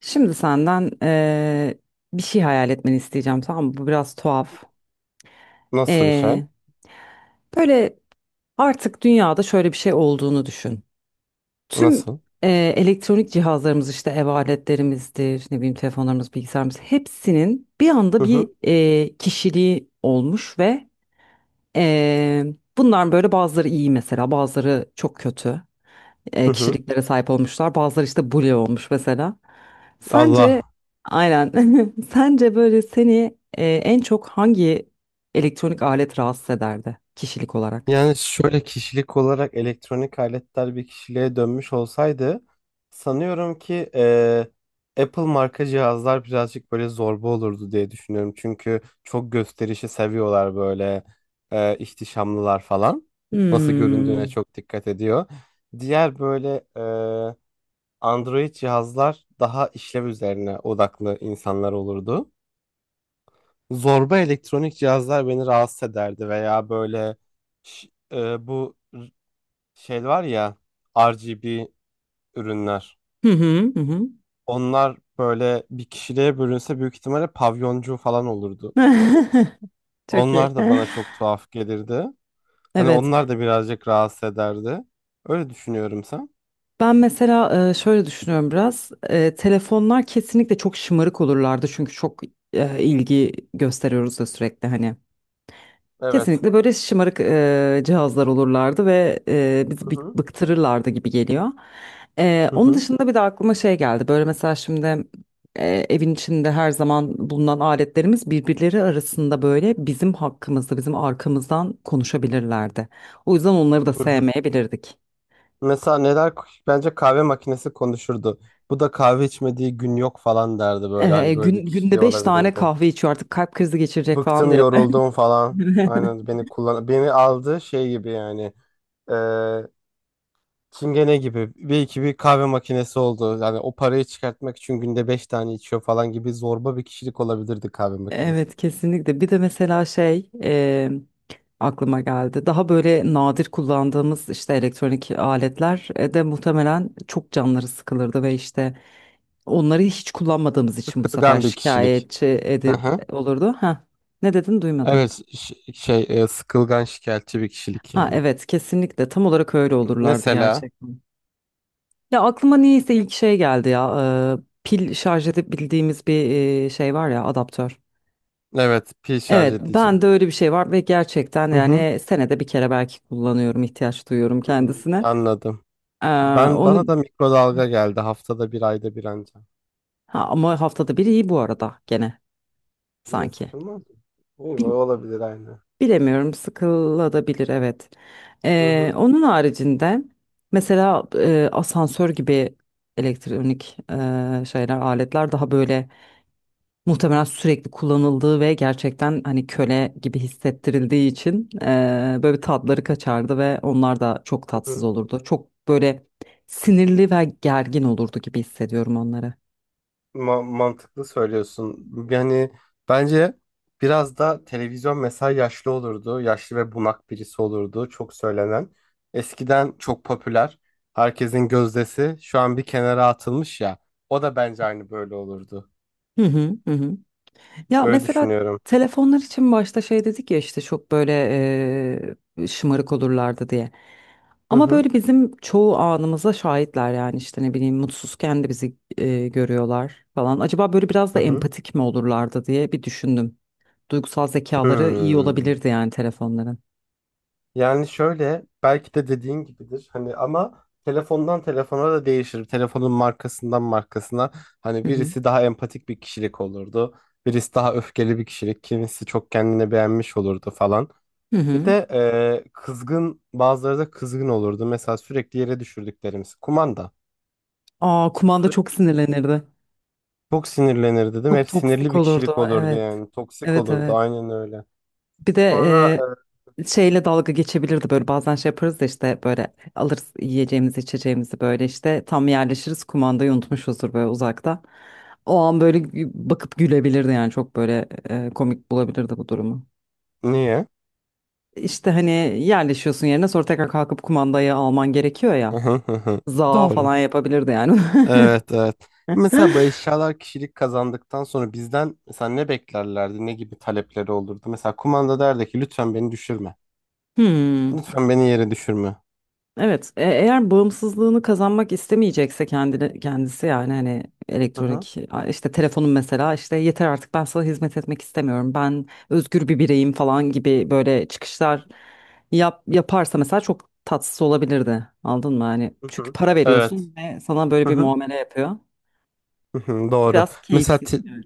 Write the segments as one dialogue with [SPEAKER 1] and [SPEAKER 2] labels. [SPEAKER 1] Şimdi senden bir şey hayal etmeni isteyeceğim, tamam mı? Bu biraz tuhaf.
[SPEAKER 2] Nasıl bir şey?
[SPEAKER 1] Eee, Böyle artık dünyada şöyle bir şey olduğunu düşün. Tüm
[SPEAKER 2] Nasıl?
[SPEAKER 1] elektronik cihazlarımız, işte ev aletlerimizdir, ne bileyim telefonlarımız, bilgisayarımız, hepsinin bir anda
[SPEAKER 2] Hı
[SPEAKER 1] bir
[SPEAKER 2] hı.
[SPEAKER 1] kişiliği olmuş ve bunlar böyle, bazıları iyi mesela, bazıları çok kötü
[SPEAKER 2] Hı hı.
[SPEAKER 1] kişiliklere sahip olmuşlar. Bazıları işte bully olmuş mesela. Sence
[SPEAKER 2] Allah.
[SPEAKER 1] aynen, sence böyle seni en çok hangi elektronik alet rahatsız ederdi kişilik olarak?
[SPEAKER 2] Yani şöyle kişilik olarak elektronik aletler bir kişiliğe dönmüş olsaydı sanıyorum ki Apple marka cihazlar birazcık böyle zorba olurdu diye düşünüyorum. Çünkü çok gösterişi seviyorlar böyle ihtişamlılar falan. Nasıl
[SPEAKER 1] Hmm.
[SPEAKER 2] göründüğüne çok dikkat ediyor. Diğer böyle Android cihazlar daha işlev üzerine odaklı insanlar olurdu. Zorba elektronik cihazlar beni rahatsız ederdi veya böyle ş- e, bu r- şey var ya RGB ürünler.
[SPEAKER 1] Hı hı hı hı.
[SPEAKER 2] Onlar böyle bir kişiliğe bölünse büyük ihtimalle pavyoncu falan olurdu.
[SPEAKER 1] Çok iyi.
[SPEAKER 2] Onlar da bana çok tuhaf gelirdi. Hani
[SPEAKER 1] Evet.
[SPEAKER 2] onlar da birazcık rahatsız ederdi. Öyle düşünüyorum sen.
[SPEAKER 1] Ben mesela şöyle düşünüyorum biraz. Telefonlar kesinlikle çok şımarık olurlardı, çünkü çok ilgi gösteriyoruz da sürekli hani.
[SPEAKER 2] Evet.
[SPEAKER 1] Kesinlikle böyle şımarık cihazlar olurlardı ve bizi
[SPEAKER 2] Hı hı.
[SPEAKER 1] bıktırırlardı gibi geliyor.
[SPEAKER 2] Hı
[SPEAKER 1] Onun
[SPEAKER 2] hı.
[SPEAKER 1] dışında bir de aklıma şey geldi. Böyle mesela şimdi evin içinde her zaman bulunan aletlerimiz birbirleri arasında böyle bizim hakkımızda, bizim arkamızdan konuşabilirlerdi. O yüzden onları da
[SPEAKER 2] Hı hı.
[SPEAKER 1] sevmeyebilirdik.
[SPEAKER 2] Mesela neler, bence kahve makinesi konuşurdu. Bu da kahve içmediği gün yok falan derdi böyle, hani böyle bir
[SPEAKER 1] Günde
[SPEAKER 2] kişiliği
[SPEAKER 1] beş tane
[SPEAKER 2] olabilirdi.
[SPEAKER 1] kahve içiyor, artık kalp krizi geçirecek falan
[SPEAKER 2] Bıktım,
[SPEAKER 1] diyor.
[SPEAKER 2] yoruldum falan. Aynen beni kullan, beni aldı şey gibi yani eee çingene gibi bir iki bir kahve makinesi oldu. Yani o parayı çıkartmak için günde beş tane içiyor falan gibi zorba bir kişilik olabilirdi kahve makinesi.
[SPEAKER 1] Evet kesinlikle. Bir de mesela şey aklıma geldi. Daha böyle nadir kullandığımız işte elektronik aletler de muhtemelen çok canları sıkılırdı ve işte onları hiç kullanmadığımız için bu sefer
[SPEAKER 2] Sıkılgan bir kişilik.
[SPEAKER 1] şikayetçi
[SPEAKER 2] Hı
[SPEAKER 1] edi
[SPEAKER 2] hı.
[SPEAKER 1] olurdu. Ha, ne dedin, duymadım.
[SPEAKER 2] Evet, ş- şey e, sıkılgan şikayetçi bir kişilik
[SPEAKER 1] Ha
[SPEAKER 2] yani.
[SPEAKER 1] evet, kesinlikle tam olarak öyle olurlardı
[SPEAKER 2] Mesela
[SPEAKER 1] gerçekten. Ya aklıma niyeyse ilk şey geldi ya, pil şarj edip bildiğimiz bir şey var ya, adaptör.
[SPEAKER 2] evet, pil şarj
[SPEAKER 1] Evet,
[SPEAKER 2] edici.
[SPEAKER 1] ben de öyle bir şey var ve gerçekten
[SPEAKER 2] Hı hı.
[SPEAKER 1] yani senede bir kere belki kullanıyorum, ihtiyaç duyuyorum
[SPEAKER 2] Hmm,
[SPEAKER 1] kendisine.
[SPEAKER 2] anladım.
[SPEAKER 1] Ee,
[SPEAKER 2] Ben,
[SPEAKER 1] onu
[SPEAKER 2] bana da mikrodalga geldi, haftada bir, ayda bir anca.
[SPEAKER 1] Ha, ama haftada bir iyi bu arada gene
[SPEAKER 2] Yine
[SPEAKER 1] sanki.
[SPEAKER 2] sıkılmaz mı? İyi, olabilir aynı.
[SPEAKER 1] Bilemiyorum, sıkılabilir evet.
[SPEAKER 2] Hı hı.
[SPEAKER 1] Onun haricinde mesela asansör gibi elektronik şeyler, aletler daha böyle muhtemelen sürekli kullanıldığı ve gerçekten hani köle gibi hissettirildiği için böyle
[SPEAKER 2] Hı
[SPEAKER 1] tatları kaçardı ve onlar da çok tatsız
[SPEAKER 2] hı.
[SPEAKER 1] olurdu. Çok böyle sinirli ve gergin olurdu gibi hissediyorum onları.
[SPEAKER 2] Mantıklı söylüyorsun. Yani bence biraz da televizyon mesela yaşlı olurdu. Yaşlı ve bunak birisi olurdu. Çok söylenen. Eskiden çok popüler. Herkesin gözdesi şu an bir kenara atılmış ya. O da bence aynı böyle olurdu.
[SPEAKER 1] Hı hı hı hı. Ya
[SPEAKER 2] Öyle
[SPEAKER 1] mesela
[SPEAKER 2] düşünüyorum.
[SPEAKER 1] telefonlar için başta şey dedik ya, işte çok böyle şımarık olurlardı diye.
[SPEAKER 2] Hı
[SPEAKER 1] Ama
[SPEAKER 2] hı.
[SPEAKER 1] böyle bizim çoğu anımıza şahitler yani, işte ne bileyim mutsuzken de bizi görüyorlar falan. Acaba böyle biraz
[SPEAKER 2] Hı
[SPEAKER 1] da
[SPEAKER 2] hı.
[SPEAKER 1] empatik mi olurlardı diye bir düşündüm. Duygusal zekaları iyi
[SPEAKER 2] Hmm.
[SPEAKER 1] olabilirdi yani telefonların.
[SPEAKER 2] Yani şöyle belki de dediğin gibidir hani, ama telefondan telefona da değişir. Telefonun markasından markasına, hani
[SPEAKER 1] Hı hı.
[SPEAKER 2] birisi daha empatik bir kişilik olurdu. Birisi daha öfkeli bir kişilik. Kimisi çok kendine beğenmiş olurdu falan.
[SPEAKER 1] Hı
[SPEAKER 2] Bir
[SPEAKER 1] hı.
[SPEAKER 2] de kızgın, bazıları da kızgın olurdu. Mesela sürekli yere düşürdüklerimiz, kumanda.
[SPEAKER 1] Aa, kumanda çok
[SPEAKER 2] Sürekli
[SPEAKER 1] sinirlenirdi.
[SPEAKER 2] çok sinirlenir dedim.
[SPEAKER 1] Çok
[SPEAKER 2] Hep sinirli
[SPEAKER 1] toksik
[SPEAKER 2] bir
[SPEAKER 1] olurdu.
[SPEAKER 2] kişilik olurdu
[SPEAKER 1] Evet.
[SPEAKER 2] yani. Toksik
[SPEAKER 1] Evet,
[SPEAKER 2] olurdu
[SPEAKER 1] evet.
[SPEAKER 2] aynen öyle.
[SPEAKER 1] Bir
[SPEAKER 2] Sonra
[SPEAKER 1] de şeyle dalga geçebilirdi böyle. Bazen şey yaparız da işte böyle alırız yiyeceğimizi içeceğimizi, böyle işte tam yerleşiriz, kumandayı unutmuşuzdur böyle uzakta. O an böyle bakıp gülebilirdi yani, çok böyle komik bulabilirdi bu durumu.
[SPEAKER 2] niye?
[SPEAKER 1] İşte hani yerleşiyorsun yerine, sonra tekrar kalkıp kumandayı alman gerekiyor ya. Za
[SPEAKER 2] Doğru.
[SPEAKER 1] falan yapabilirdi yani.
[SPEAKER 2] Evet, evet. Mesela bu eşyalar kişilik kazandıktan sonra bizden mesela ne beklerlerdi? Ne gibi talepleri olurdu? Mesela kumanda derdi ki lütfen beni düşürme.
[SPEAKER 1] Hmm.
[SPEAKER 2] Lütfen beni yere düşürme.
[SPEAKER 1] Evet, eğer bağımsızlığını kazanmak istemeyecekse kendini, kendisi yani hani
[SPEAKER 2] Hı hı.
[SPEAKER 1] elektronik işte telefonun mesela işte, yeter artık ben sana hizmet etmek istemiyorum, ben özgür bir bireyim falan gibi böyle çıkışlar yaparsa mesela, çok tatsız olabilirdi. Anladın mı? Hani
[SPEAKER 2] Hı
[SPEAKER 1] çünkü
[SPEAKER 2] hı.
[SPEAKER 1] para
[SPEAKER 2] Evet.
[SPEAKER 1] veriyorsun ve sana böyle
[SPEAKER 2] Hı
[SPEAKER 1] bir
[SPEAKER 2] hı.
[SPEAKER 1] muamele yapıyor.
[SPEAKER 2] Hı hı. Doğru.
[SPEAKER 1] Biraz
[SPEAKER 2] Mesela
[SPEAKER 1] keyifsiz. Evet,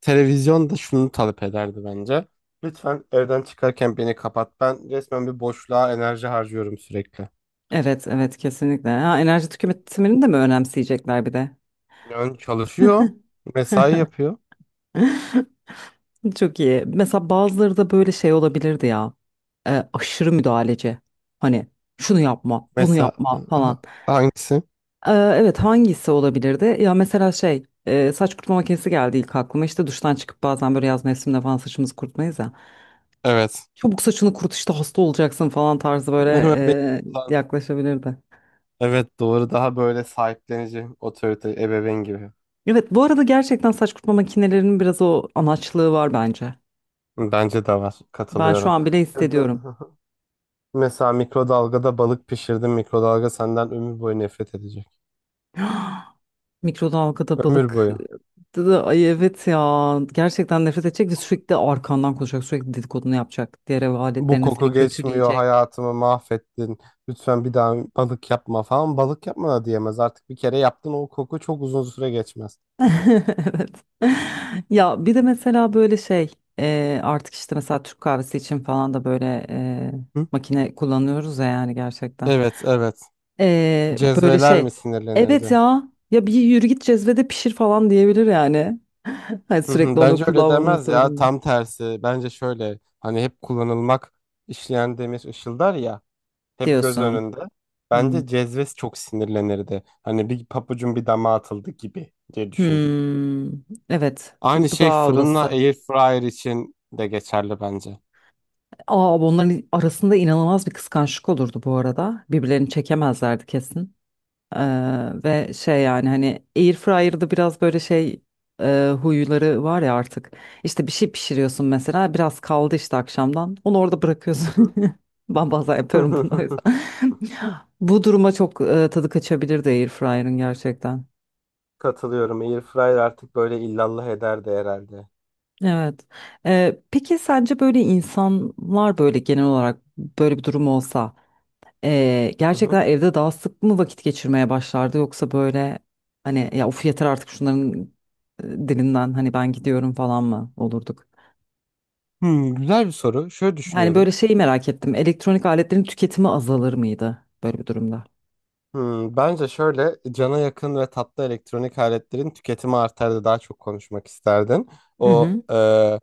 [SPEAKER 2] televizyon da şunu talep ederdi bence. Lütfen evden çıkarken beni kapat. Ben resmen bir boşluğa enerji harcıyorum sürekli.
[SPEAKER 1] evet, evet kesinlikle. Ha, enerji tüketimini de mi önemseyecekler bir de?
[SPEAKER 2] Yani çalışıyor. Mesai yapıyor.
[SPEAKER 1] Çok iyi. Mesela bazıları da böyle şey olabilirdi ya. Aşırı müdahaleci. Hani şunu yapma, bunu
[SPEAKER 2] Mesela
[SPEAKER 1] yapma falan.
[SPEAKER 2] hangisi?
[SPEAKER 1] Evet, hangisi olabilirdi? Ya mesela şey, saç kurutma makinesi geldi ilk aklıma. İşte duştan çıkıp bazen böyle yaz mevsiminde falan saçımızı kurutmayız ya.
[SPEAKER 2] Evet.
[SPEAKER 1] Çabuk saçını kurut, işte hasta olacaksın falan tarzı böyle
[SPEAKER 2] Hemen beni.
[SPEAKER 1] yaklaşabilirdi.
[SPEAKER 2] Evet, doğru, daha böyle sahiplenici otorite ebeveyn gibi.
[SPEAKER 1] Evet, bu arada gerçekten saç kurutma makinelerinin biraz o anaçlığı var bence.
[SPEAKER 2] Bence de var,
[SPEAKER 1] Ben şu
[SPEAKER 2] katılıyorum.
[SPEAKER 1] an bile
[SPEAKER 2] Ya da-
[SPEAKER 1] hissediyorum.
[SPEAKER 2] Mesela mikrodalgada balık pişirdin, mikrodalga senden ömür boyu nefret edecek.
[SPEAKER 1] Mikrodalgada
[SPEAKER 2] Ömür
[SPEAKER 1] balık
[SPEAKER 2] boyu.
[SPEAKER 1] da ay, evet ya, gerçekten nefret edecek ve sürekli arkandan konuşacak, sürekli dedikodunu yapacak, diğer ev
[SPEAKER 2] Bu
[SPEAKER 1] aletlerine seni
[SPEAKER 2] koku geçmiyor,
[SPEAKER 1] kötüleyecek.
[SPEAKER 2] hayatımı mahvettin. Lütfen bir daha balık yapma falan. Balık yapma da diyemez artık, bir kere yaptın, o koku çok uzun süre geçmez.
[SPEAKER 1] Evet. Ya bir de mesela böyle şey, artık işte mesela Türk kahvesi için falan da böyle
[SPEAKER 2] Hı?
[SPEAKER 1] makine kullanıyoruz ya yani gerçekten.
[SPEAKER 2] Evet, evet.
[SPEAKER 1] Böyle
[SPEAKER 2] Cezveler mi
[SPEAKER 1] şey, evet
[SPEAKER 2] sinirlenirdi?
[SPEAKER 1] ya, ya bir yürü git cezvede pişir falan diyebilir yani. Hani
[SPEAKER 2] Hı hı.
[SPEAKER 1] sürekli onu
[SPEAKER 2] Bence öyle
[SPEAKER 1] kullanmamız
[SPEAKER 2] demez ya,
[SPEAKER 1] durumunda
[SPEAKER 2] tam tersi, bence şöyle hani hep kullanılmak, işleyen demir ışıldar ya, hep göz
[SPEAKER 1] diyorsun.
[SPEAKER 2] önünde,
[SPEAKER 1] Hmm.
[SPEAKER 2] bence Cezves çok sinirlenirdi, hani bir papucun bir dama atıldı gibi diye düşündüm.
[SPEAKER 1] Hmm, evet,
[SPEAKER 2] Aynı
[SPEAKER 1] bu, bu
[SPEAKER 2] şey
[SPEAKER 1] daha
[SPEAKER 2] fırınla
[SPEAKER 1] olası.
[SPEAKER 2] air fryer için de geçerli bence.
[SPEAKER 1] Aa, bunların arasında inanılmaz bir kıskançlık olurdu bu arada. Birbirlerini çekemezlerdi kesin. Ee, Ve şey yani hani Airfryer'da biraz böyle şey, huyları var ya artık. İşte bir şey pişiriyorsun mesela, biraz kaldı işte akşamdan, onu orada bırakıyorsun.
[SPEAKER 2] Hı
[SPEAKER 1] Ben bazen yapıyorum bunu o
[SPEAKER 2] hı.
[SPEAKER 1] yüzden. Bu duruma çok tadı kaçabilirdi Airfryer'ın gerçekten.
[SPEAKER 2] Katılıyorum. Air fryer artık böyle illallah eder de herhalde.
[SPEAKER 1] Evet. Peki sence böyle insanlar böyle genel olarak, böyle bir durum olsa,
[SPEAKER 2] Hı hı.
[SPEAKER 1] gerçekten evde daha sık mı vakit geçirmeye başlardı, yoksa böyle hani ya of, yeter artık şunların dilinden, hani ben gidiyorum falan mı olurduk?
[SPEAKER 2] Hmm, güzel bir soru. Şöyle
[SPEAKER 1] Yani böyle
[SPEAKER 2] düşünüyorum.
[SPEAKER 1] şeyi merak ettim. Elektronik aletlerin tüketimi azalır mıydı böyle bir durumda?
[SPEAKER 2] Hmm, bence şöyle, cana yakın ve tatlı elektronik aletlerin tüketimi artar da daha çok konuşmak isterdin.
[SPEAKER 1] Hı
[SPEAKER 2] O
[SPEAKER 1] hı.
[SPEAKER 2] e,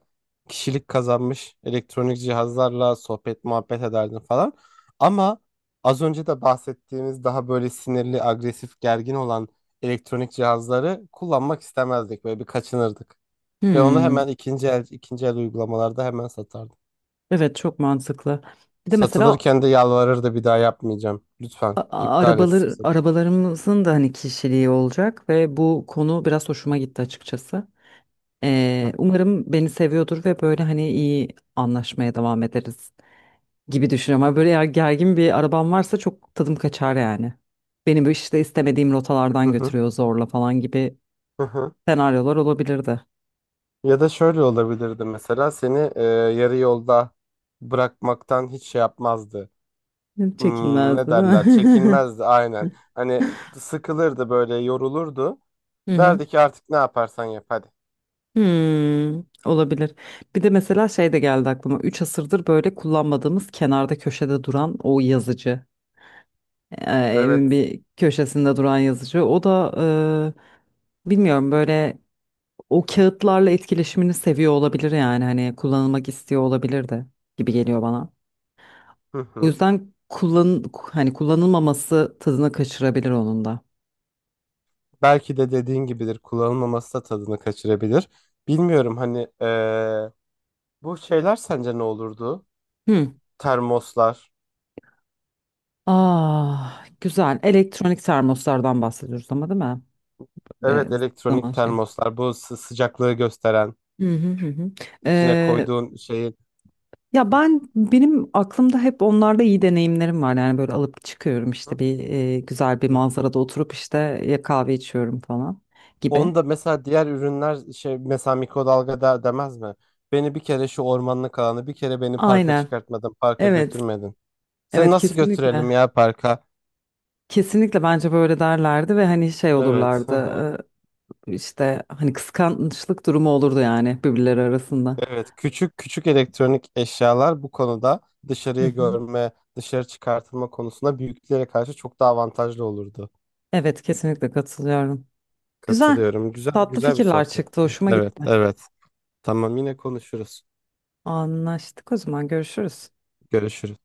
[SPEAKER 2] kişilik kazanmış elektronik cihazlarla sohbet muhabbet ederdin falan. Ama az önce de bahsettiğimiz daha böyle sinirli, agresif, gergin olan elektronik cihazları kullanmak istemezdik. Böyle bir kaçınırdık. Ve onu
[SPEAKER 1] Hmm.
[SPEAKER 2] hemen ikinci el uygulamalarda hemen satardım.
[SPEAKER 1] Evet çok mantıklı. Bir de mesela
[SPEAKER 2] Satılırken de yalvarırdı, bir daha yapmayacağım, lütfen iptal et.
[SPEAKER 1] arabalar, arabalarımızın da hani kişiliği olacak ve bu konu biraz hoşuma gitti açıkçası. Umarım beni seviyordur ve böyle hani iyi anlaşmaya devam ederiz gibi düşünüyorum. Ama böyle eğer gergin bir arabam varsa çok tadım kaçar yani. Beni bu işte istemediğim
[SPEAKER 2] Hı
[SPEAKER 1] rotalardan
[SPEAKER 2] hı,
[SPEAKER 1] götürüyor zorla falan gibi
[SPEAKER 2] hı hı.
[SPEAKER 1] senaryolar olabilirdi.
[SPEAKER 2] Ya da şöyle olabilirdi, mesela seni yarı yolda bırakmaktan hiç şey yapmazdı. Hmm,
[SPEAKER 1] Çekinmezdi
[SPEAKER 2] ne
[SPEAKER 1] değil
[SPEAKER 2] derler?
[SPEAKER 1] mi?
[SPEAKER 2] Çekinmezdi aynen. Hani sıkılırdı böyle, yorulurdu.
[SPEAKER 1] Hı hı.
[SPEAKER 2] Derdi ki artık ne yaparsan yap hadi.
[SPEAKER 1] Hmm, olabilir. Bir de mesela şey de geldi aklıma. Üç asırdır böyle kullanmadığımız, kenarda köşede duran o yazıcı. Evin
[SPEAKER 2] Evet.
[SPEAKER 1] bir köşesinde duran yazıcı. O da bilmiyorum böyle o kağıtlarla etkileşimini seviyor olabilir yani, hani kullanılmak istiyor olabilir de gibi geliyor bana.
[SPEAKER 2] Hı
[SPEAKER 1] O
[SPEAKER 2] hı.
[SPEAKER 1] yüzden kullan, hani kullanılmaması tadını kaçırabilir onun da.
[SPEAKER 2] Belki de dediğin gibidir, kullanılmaması da tadını kaçırabilir. Bilmiyorum, hani bu şeyler sence ne olurdu?
[SPEAKER 1] Hı.
[SPEAKER 2] Termoslar.
[SPEAKER 1] Ah, güzel. Elektronik termoslardan bahsediyoruz ama değil mi? Ve
[SPEAKER 2] Evet, elektronik
[SPEAKER 1] zaman şey.
[SPEAKER 2] termoslar, bu sıcaklığı gösteren
[SPEAKER 1] Hı hı hı hı.
[SPEAKER 2] içine
[SPEAKER 1] Ee,
[SPEAKER 2] koyduğun şeyi.
[SPEAKER 1] Ya
[SPEAKER 2] Hı
[SPEAKER 1] ben, benim aklımda hep onlarda iyi deneyimlerim var. Yani böyle alıp çıkıyorum işte bir güzel bir
[SPEAKER 2] hı.
[SPEAKER 1] manzarada oturup işte ya kahve içiyorum falan gibi.
[SPEAKER 2] Onu da mesela diğer ürünler, şey, mesela mikrodalga der demez mi? Beni bir kere şu ormanlık alanı, bir kere beni parka
[SPEAKER 1] Aynen.
[SPEAKER 2] çıkartmadın, parka
[SPEAKER 1] Evet.
[SPEAKER 2] götürmedin. Sen
[SPEAKER 1] Evet
[SPEAKER 2] nasıl
[SPEAKER 1] kesinlikle.
[SPEAKER 2] götürelim ya parka?
[SPEAKER 1] Kesinlikle bence böyle derlerdi ve hani şey
[SPEAKER 2] Evet, hı
[SPEAKER 1] olurlardı,
[SPEAKER 2] hı.
[SPEAKER 1] işte hani kıskançlık durumu olurdu yani birbirleri arasında.
[SPEAKER 2] Evet, küçük küçük elektronik eşyalar bu konuda
[SPEAKER 1] Hı
[SPEAKER 2] dışarıyı
[SPEAKER 1] hı.
[SPEAKER 2] görme, dışarı çıkartılma konusunda büyüklere karşı çok daha avantajlı olurdu.
[SPEAKER 1] Evet kesinlikle katılıyorum. Güzel.
[SPEAKER 2] Katılıyorum. Güzel,
[SPEAKER 1] Tatlı
[SPEAKER 2] güzel bir
[SPEAKER 1] fikirler çıktı.
[SPEAKER 2] sohbetti.
[SPEAKER 1] Hoşuma
[SPEAKER 2] Evet,
[SPEAKER 1] gitti.
[SPEAKER 2] evet. Tamam, yine konuşuruz.
[SPEAKER 1] Anlaştık, o zaman görüşürüz.
[SPEAKER 2] Görüşürüz.